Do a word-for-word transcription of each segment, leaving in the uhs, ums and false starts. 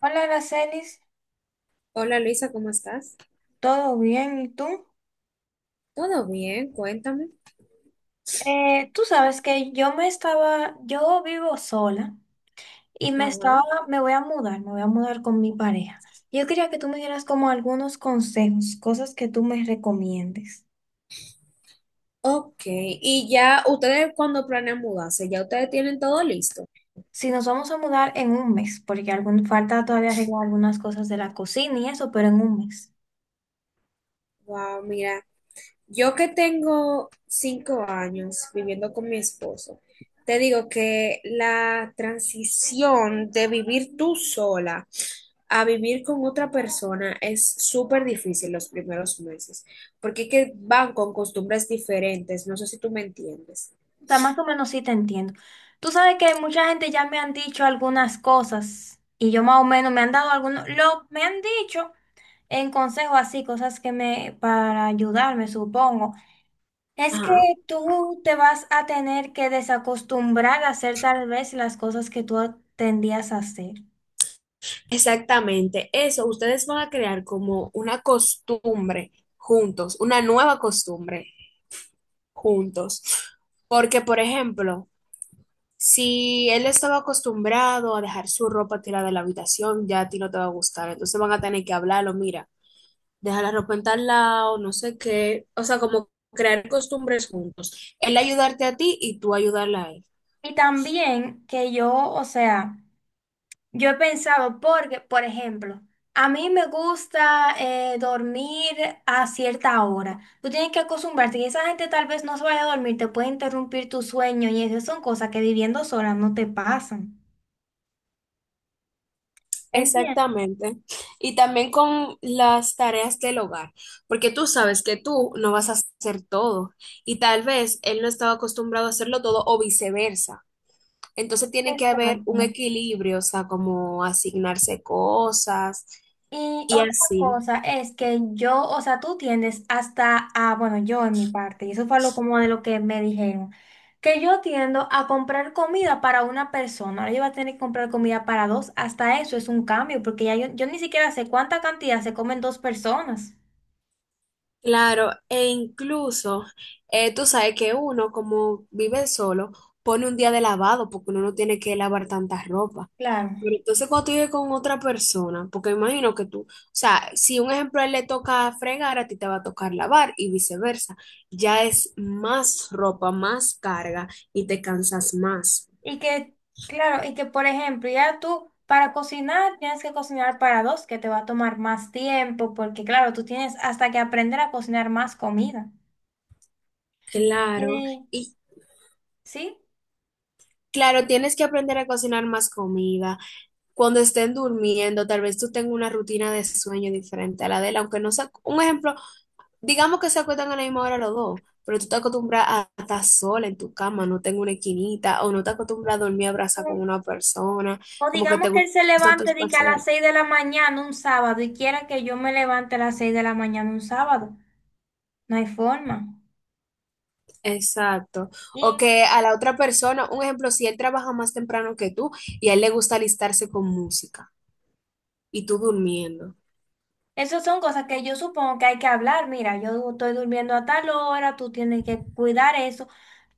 Hola, Aracelis, Hola Luisa, ¿cómo estás? ¿todo bien? ¿Y tú? ¿Todo bien? Cuéntame. Eh, tú sabes que yo me estaba, yo vivo sola y me Ajá. estaba, me voy a mudar, me voy a mudar con mi pareja. Yo quería que tú me dieras como algunos consejos, cosas que tú me recomiendes. Ok, y ya ustedes cuando planean mudarse, ya ustedes tienen todo listo. Si nos vamos a mudar en un mes, porque algún, falta todavía arreglar algunas cosas de la cocina y eso, pero en un mes. Wow, mira, yo que tengo cinco años viviendo con mi esposo, te digo que la transición de vivir tú sola a vivir con otra persona es súper difícil los primeros meses, porque es que van con costumbres diferentes, no sé si tú me entiendes. O sea, más o menos sí te entiendo. Tú sabes que mucha gente ya me han dicho algunas cosas y yo más o menos me han dado algunos, lo, me han dicho en consejos así, cosas que me, para ayudarme, supongo, es que Ajá. tú te vas a tener que desacostumbrar a hacer tal vez las cosas que tú tendías a hacer. Exactamente, eso, ustedes van a crear como una costumbre juntos, una nueva costumbre juntos. Porque, por ejemplo, si él estaba acostumbrado a dejar su ropa tirada en la habitación, ya a ti no te va a gustar. Entonces van a tener que hablarlo, mira, deja la ropa en tal lado, no sé qué. O sea, como crear costumbres juntos. Él ayudarte a ti y tú ayudarla a él. Y también que yo, o sea, yo he pensado, porque, por ejemplo, a mí me gusta eh, dormir a cierta hora. Tú tienes que acostumbrarte y esa gente tal vez no se vaya a dormir, te puede interrumpir tu sueño y esas son cosas que viviendo sola no te pasan. ¿Entiendes? Exactamente. Y también con las tareas del hogar, porque tú sabes que tú no vas a hacer todo y tal vez él no estaba acostumbrado a hacerlo todo o viceversa. Entonces tiene que haber Exacto. un equilibrio, o sea, como asignarse cosas Y y otra así. cosa es que yo, o sea, tú tiendes hasta a, bueno, yo en mi parte, y eso fue lo como de lo que me dijeron, que yo tiendo a comprar comida para una persona, ahora yo voy a tener que comprar comida para dos, hasta eso es un cambio, porque ya yo, yo ni siquiera sé cuánta cantidad se comen dos personas. Claro, e incluso eh, tú sabes que uno, como vive solo, pone un día de lavado porque uno no tiene que lavar tanta ropa. Claro. Pero entonces cuando tú vives con otra persona, porque imagino que tú, o sea, si un ejemplo a él le toca fregar, a ti te va a tocar lavar y viceversa. Ya es más ropa, más carga y te cansas más. Y que, claro, y que por ejemplo, ya tú para cocinar tienes que cocinar para dos, que te va a tomar más tiempo, porque claro, tú tienes hasta que aprender a cocinar más comida. Claro, Eh, y ¿sí? claro, tienes que aprender a cocinar más comida cuando estén durmiendo, tal vez tú tengas una rutina de sueño diferente a la de él, aunque no sea, un ejemplo, digamos que se acuestan a la misma hora los dos, pero tú te acostumbras a estar sola en tu cama, no tengo una esquinita, o no te acostumbras a dormir abrazada con eh, una persona, O como que te digamos que él se gusta tu levante de que a las espacio. seis de la mañana un sábado y quiera que yo me levante a las seis de la mañana un sábado. No hay forma. Exacto. O Y que a la otra persona, un ejemplo, si él trabaja más temprano que tú y a él le gusta alistarse con música y tú durmiendo. esas son cosas que yo supongo que hay que hablar. Mira, yo estoy durmiendo a tal hora, tú tienes que cuidar eso.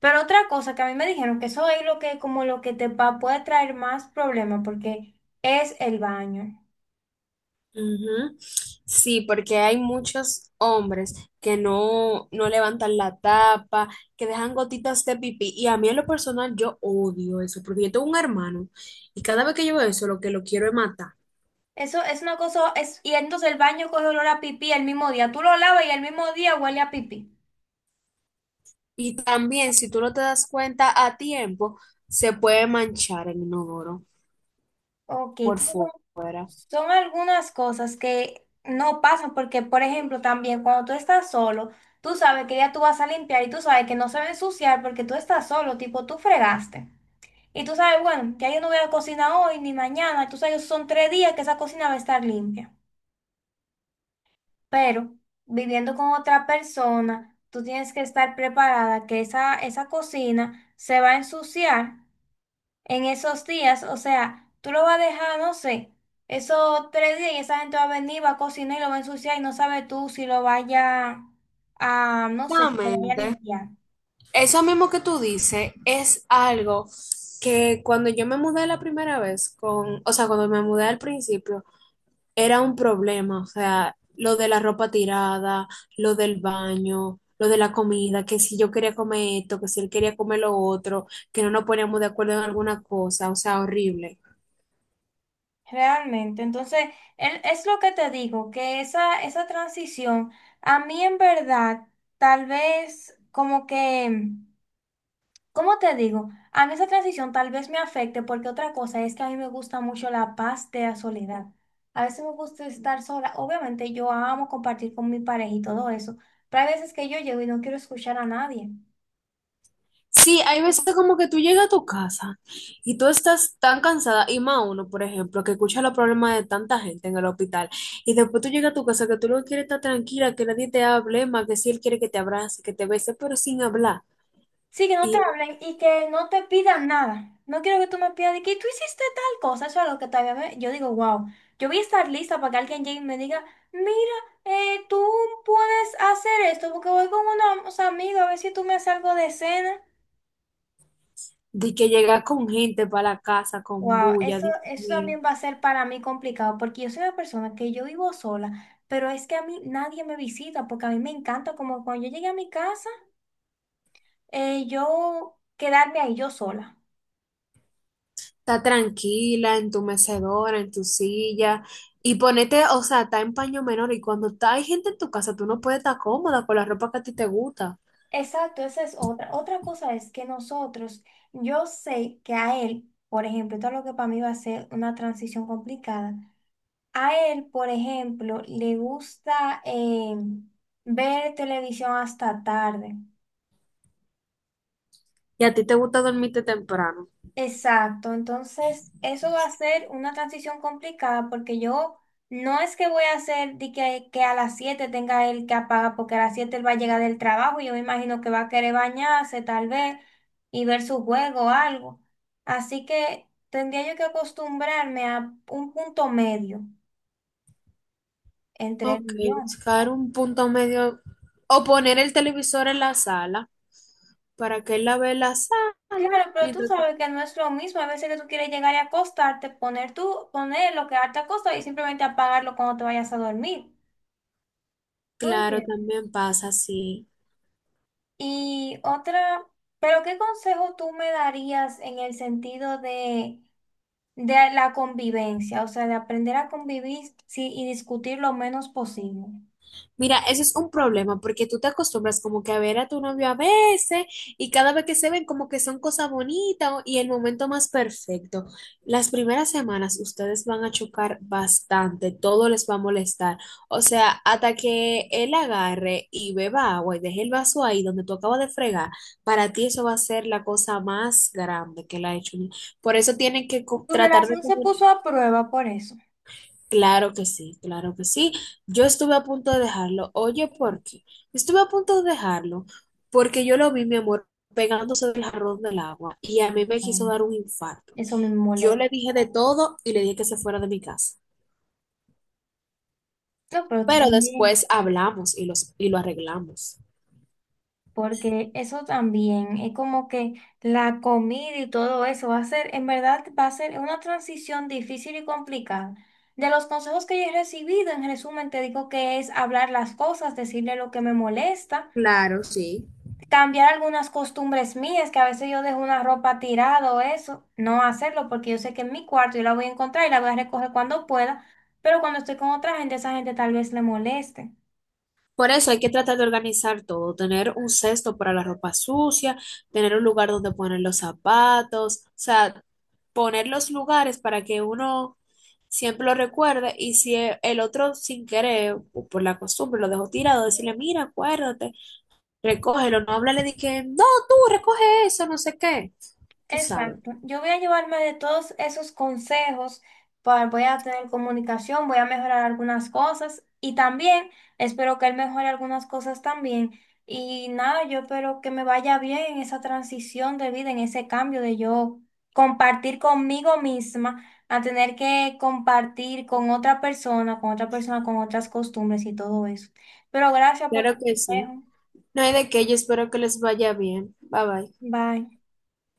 Pero otra cosa que a mí me dijeron que eso es lo que como lo que te va, puede traer más problemas porque es el baño. Ujú. Sí, porque hay muchos hombres que no, no levantan la tapa, que dejan gotitas de pipí. Y a mí en lo personal yo odio eso, porque yo tengo un hermano y cada vez que yo veo eso lo que lo quiero es matar. Eso es una cosa, es, y entonces el baño coge olor a pipí el mismo día. Tú lo lavas y el mismo día huele a pipí. Y también si tú no te das cuenta a tiempo, se puede manchar el inodoro Ok, por entonces fuera. son algunas cosas que no pasan porque, por ejemplo, también cuando tú estás solo, tú sabes que ya tú vas a limpiar y tú sabes que no se va a ensuciar porque tú estás solo, tipo tú fregaste. Y tú sabes, bueno, ya yo no voy a cocinar hoy ni mañana, tú sabes, son tres días que esa cocina va a estar limpia. Pero viviendo con otra persona, tú tienes que estar preparada que esa, esa cocina se va a ensuciar en esos días, o sea, tú lo vas a dejar, no sé, esos tres días y esa gente va a venir, va a cocinar y lo va a ensuciar y no sabes tú si lo vaya a, no sé, si lo vaya a Exactamente. limpiar. Eso mismo que tú dices es algo que cuando yo me mudé la primera vez, con, o sea, cuando me mudé al principio, era un problema, o sea, lo de la ropa tirada, lo del baño, lo de la comida, que si yo quería comer esto, que si él quería comer lo otro, que no nos poníamos de acuerdo en alguna cosa, o sea, horrible. Realmente, entonces, el- es lo que te digo, que esa, esa transición, a mí en verdad, tal vez como que... ¿Cómo te digo? A mí esa transición tal vez me afecte porque otra cosa es que a mí me gusta mucho la paz de la soledad. A veces me gusta estar sola. Obviamente yo amo compartir con mi pareja y todo eso, pero hay veces que yo llego y no quiero escuchar a nadie. Sí, hay veces como que tú llegas a tu casa y tú estás tan cansada, y más uno, por ejemplo, que escucha los problemas de tanta gente en el hospital, y después tú llegas a tu casa que tú no quieres estar tranquila, que nadie te hable más, que si él quiere que te abrace, que te bese, pero sin hablar. Sí, que no te Y hablen y que no te pidan nada. No quiero que tú me pidas de que tú hiciste tal cosa. Eso es algo que todavía me- yo digo, wow, yo voy a estar lista para que alguien llegue y me diga, mira, eh, tú puedes hacer esto porque voy con unos amigos a ver si tú me haces algo de cena. de que llega con gente para la casa, con Wow, bulla, eso, Dios eso mío. también va a ser para mí complicado porque yo soy una persona que yo vivo sola, pero es que a mí nadie me visita porque a mí me encanta como cuando yo llegué a mi casa, eh, yo quedarme ahí yo sola. Está tranquila en tu mecedora, en tu silla. Y ponete, o sea, está en paño menor. Y cuando está, hay gente en tu casa, tú no puedes estar cómoda con la ropa que a ti te gusta. Exacto, esa es otra. Otra cosa es que nosotros, yo sé que a él, por ejemplo, todo lo que para mí va a ser una transición complicada, a él, por ejemplo, le gusta eh, ver televisión hasta tarde. Y a ti te gusta dormirte temprano. Exacto, entonces eso va a ser una transición complicada porque yo no es que voy a hacer de que, que a las siete tenga él que apagar porque a las siete él va a llegar del trabajo y yo me imagino que va a querer bañarse tal vez y ver su juego o algo. Así que tendría yo que acostumbrarme a un punto medio entre él Ok, y yo. buscar un punto medio. O poner el televisor en la sala para que él la vea en la sala. Claro, pero tú Mientras tú- sabes que no es lo mismo. A veces que tú quieres llegar y acostarte, poner tú, ponerlo, quedarte acostado y simplemente apagarlo cuando te vayas a dormir. ¿Tú Claro, entiendes? también pasa así. Y otra, pero ¿qué consejo tú me darías en el sentido de, de la convivencia? O sea, de aprender a convivir sí, y discutir lo menos posible. Mira, eso es un problema porque tú te acostumbras como que a ver a tu novio a veces y cada vez que se ven como que son cosas bonitas o- y el momento más perfecto. Las primeras semanas ustedes van a chocar bastante, todo les va a molestar. O sea, hasta que él agarre y beba agua y deje el vaso ahí donde tú acabas de fregar, para ti eso va a ser la cosa más grande que él ha hecho. Por eso tienen que co- Tu tratar de relación se puso comunicar. a prueba por eso. Claro que sí, claro que sí. Yo estuve a punto de dejarlo. Oye, ¿por qué? Estuve a punto de dejarlo porque yo lo vi, mi amor, pegándose del jarrón del agua y a mí me quiso Ay, dar un infarto. eso me Yo molesta. le dije de todo y le dije que se fuera de mi casa. No, pero tú Pero también. después hablamos y, los, y lo arreglamos. Porque eso también es como que la comida y todo eso va a ser, en verdad, va a ser una transición difícil y complicada. De los consejos que yo he recibido, en resumen, te digo que es hablar las cosas, decirle lo que me molesta, Claro, sí. cambiar algunas costumbres mías, que a veces yo dejo una ropa tirada o eso, no hacerlo porque yo sé que en mi cuarto yo la voy a encontrar y la voy a recoger cuando pueda, pero cuando estoy con otra gente, esa gente tal vez le moleste. Por eso hay que tratar de organizar todo, tener un cesto para la ropa sucia, tener un lugar donde poner los zapatos, o sea, poner los lugares para que uno siempre lo recuerde y si e- el otro sin querer o por la costumbre lo dejó tirado, decirle, mira, acuérdate, recógelo, no hablarle de que, no, tú recoge eso, no sé qué, tú sabes, Exacto. Yo voy a llevarme de todos esos consejos, pa- voy a tener comunicación, voy a mejorar algunas cosas y también espero que él mejore algunas cosas también. Y nada, yo espero que me vaya bien en esa transición de vida, en ese cambio de yo compartir conmigo misma a tener que compartir con otra persona, con otra persona, con otras costumbres y todo eso. Pero gracias por tu claro que sí. consejo. No hay de qué, yo espero que les vaya bien, bye bye. Bye.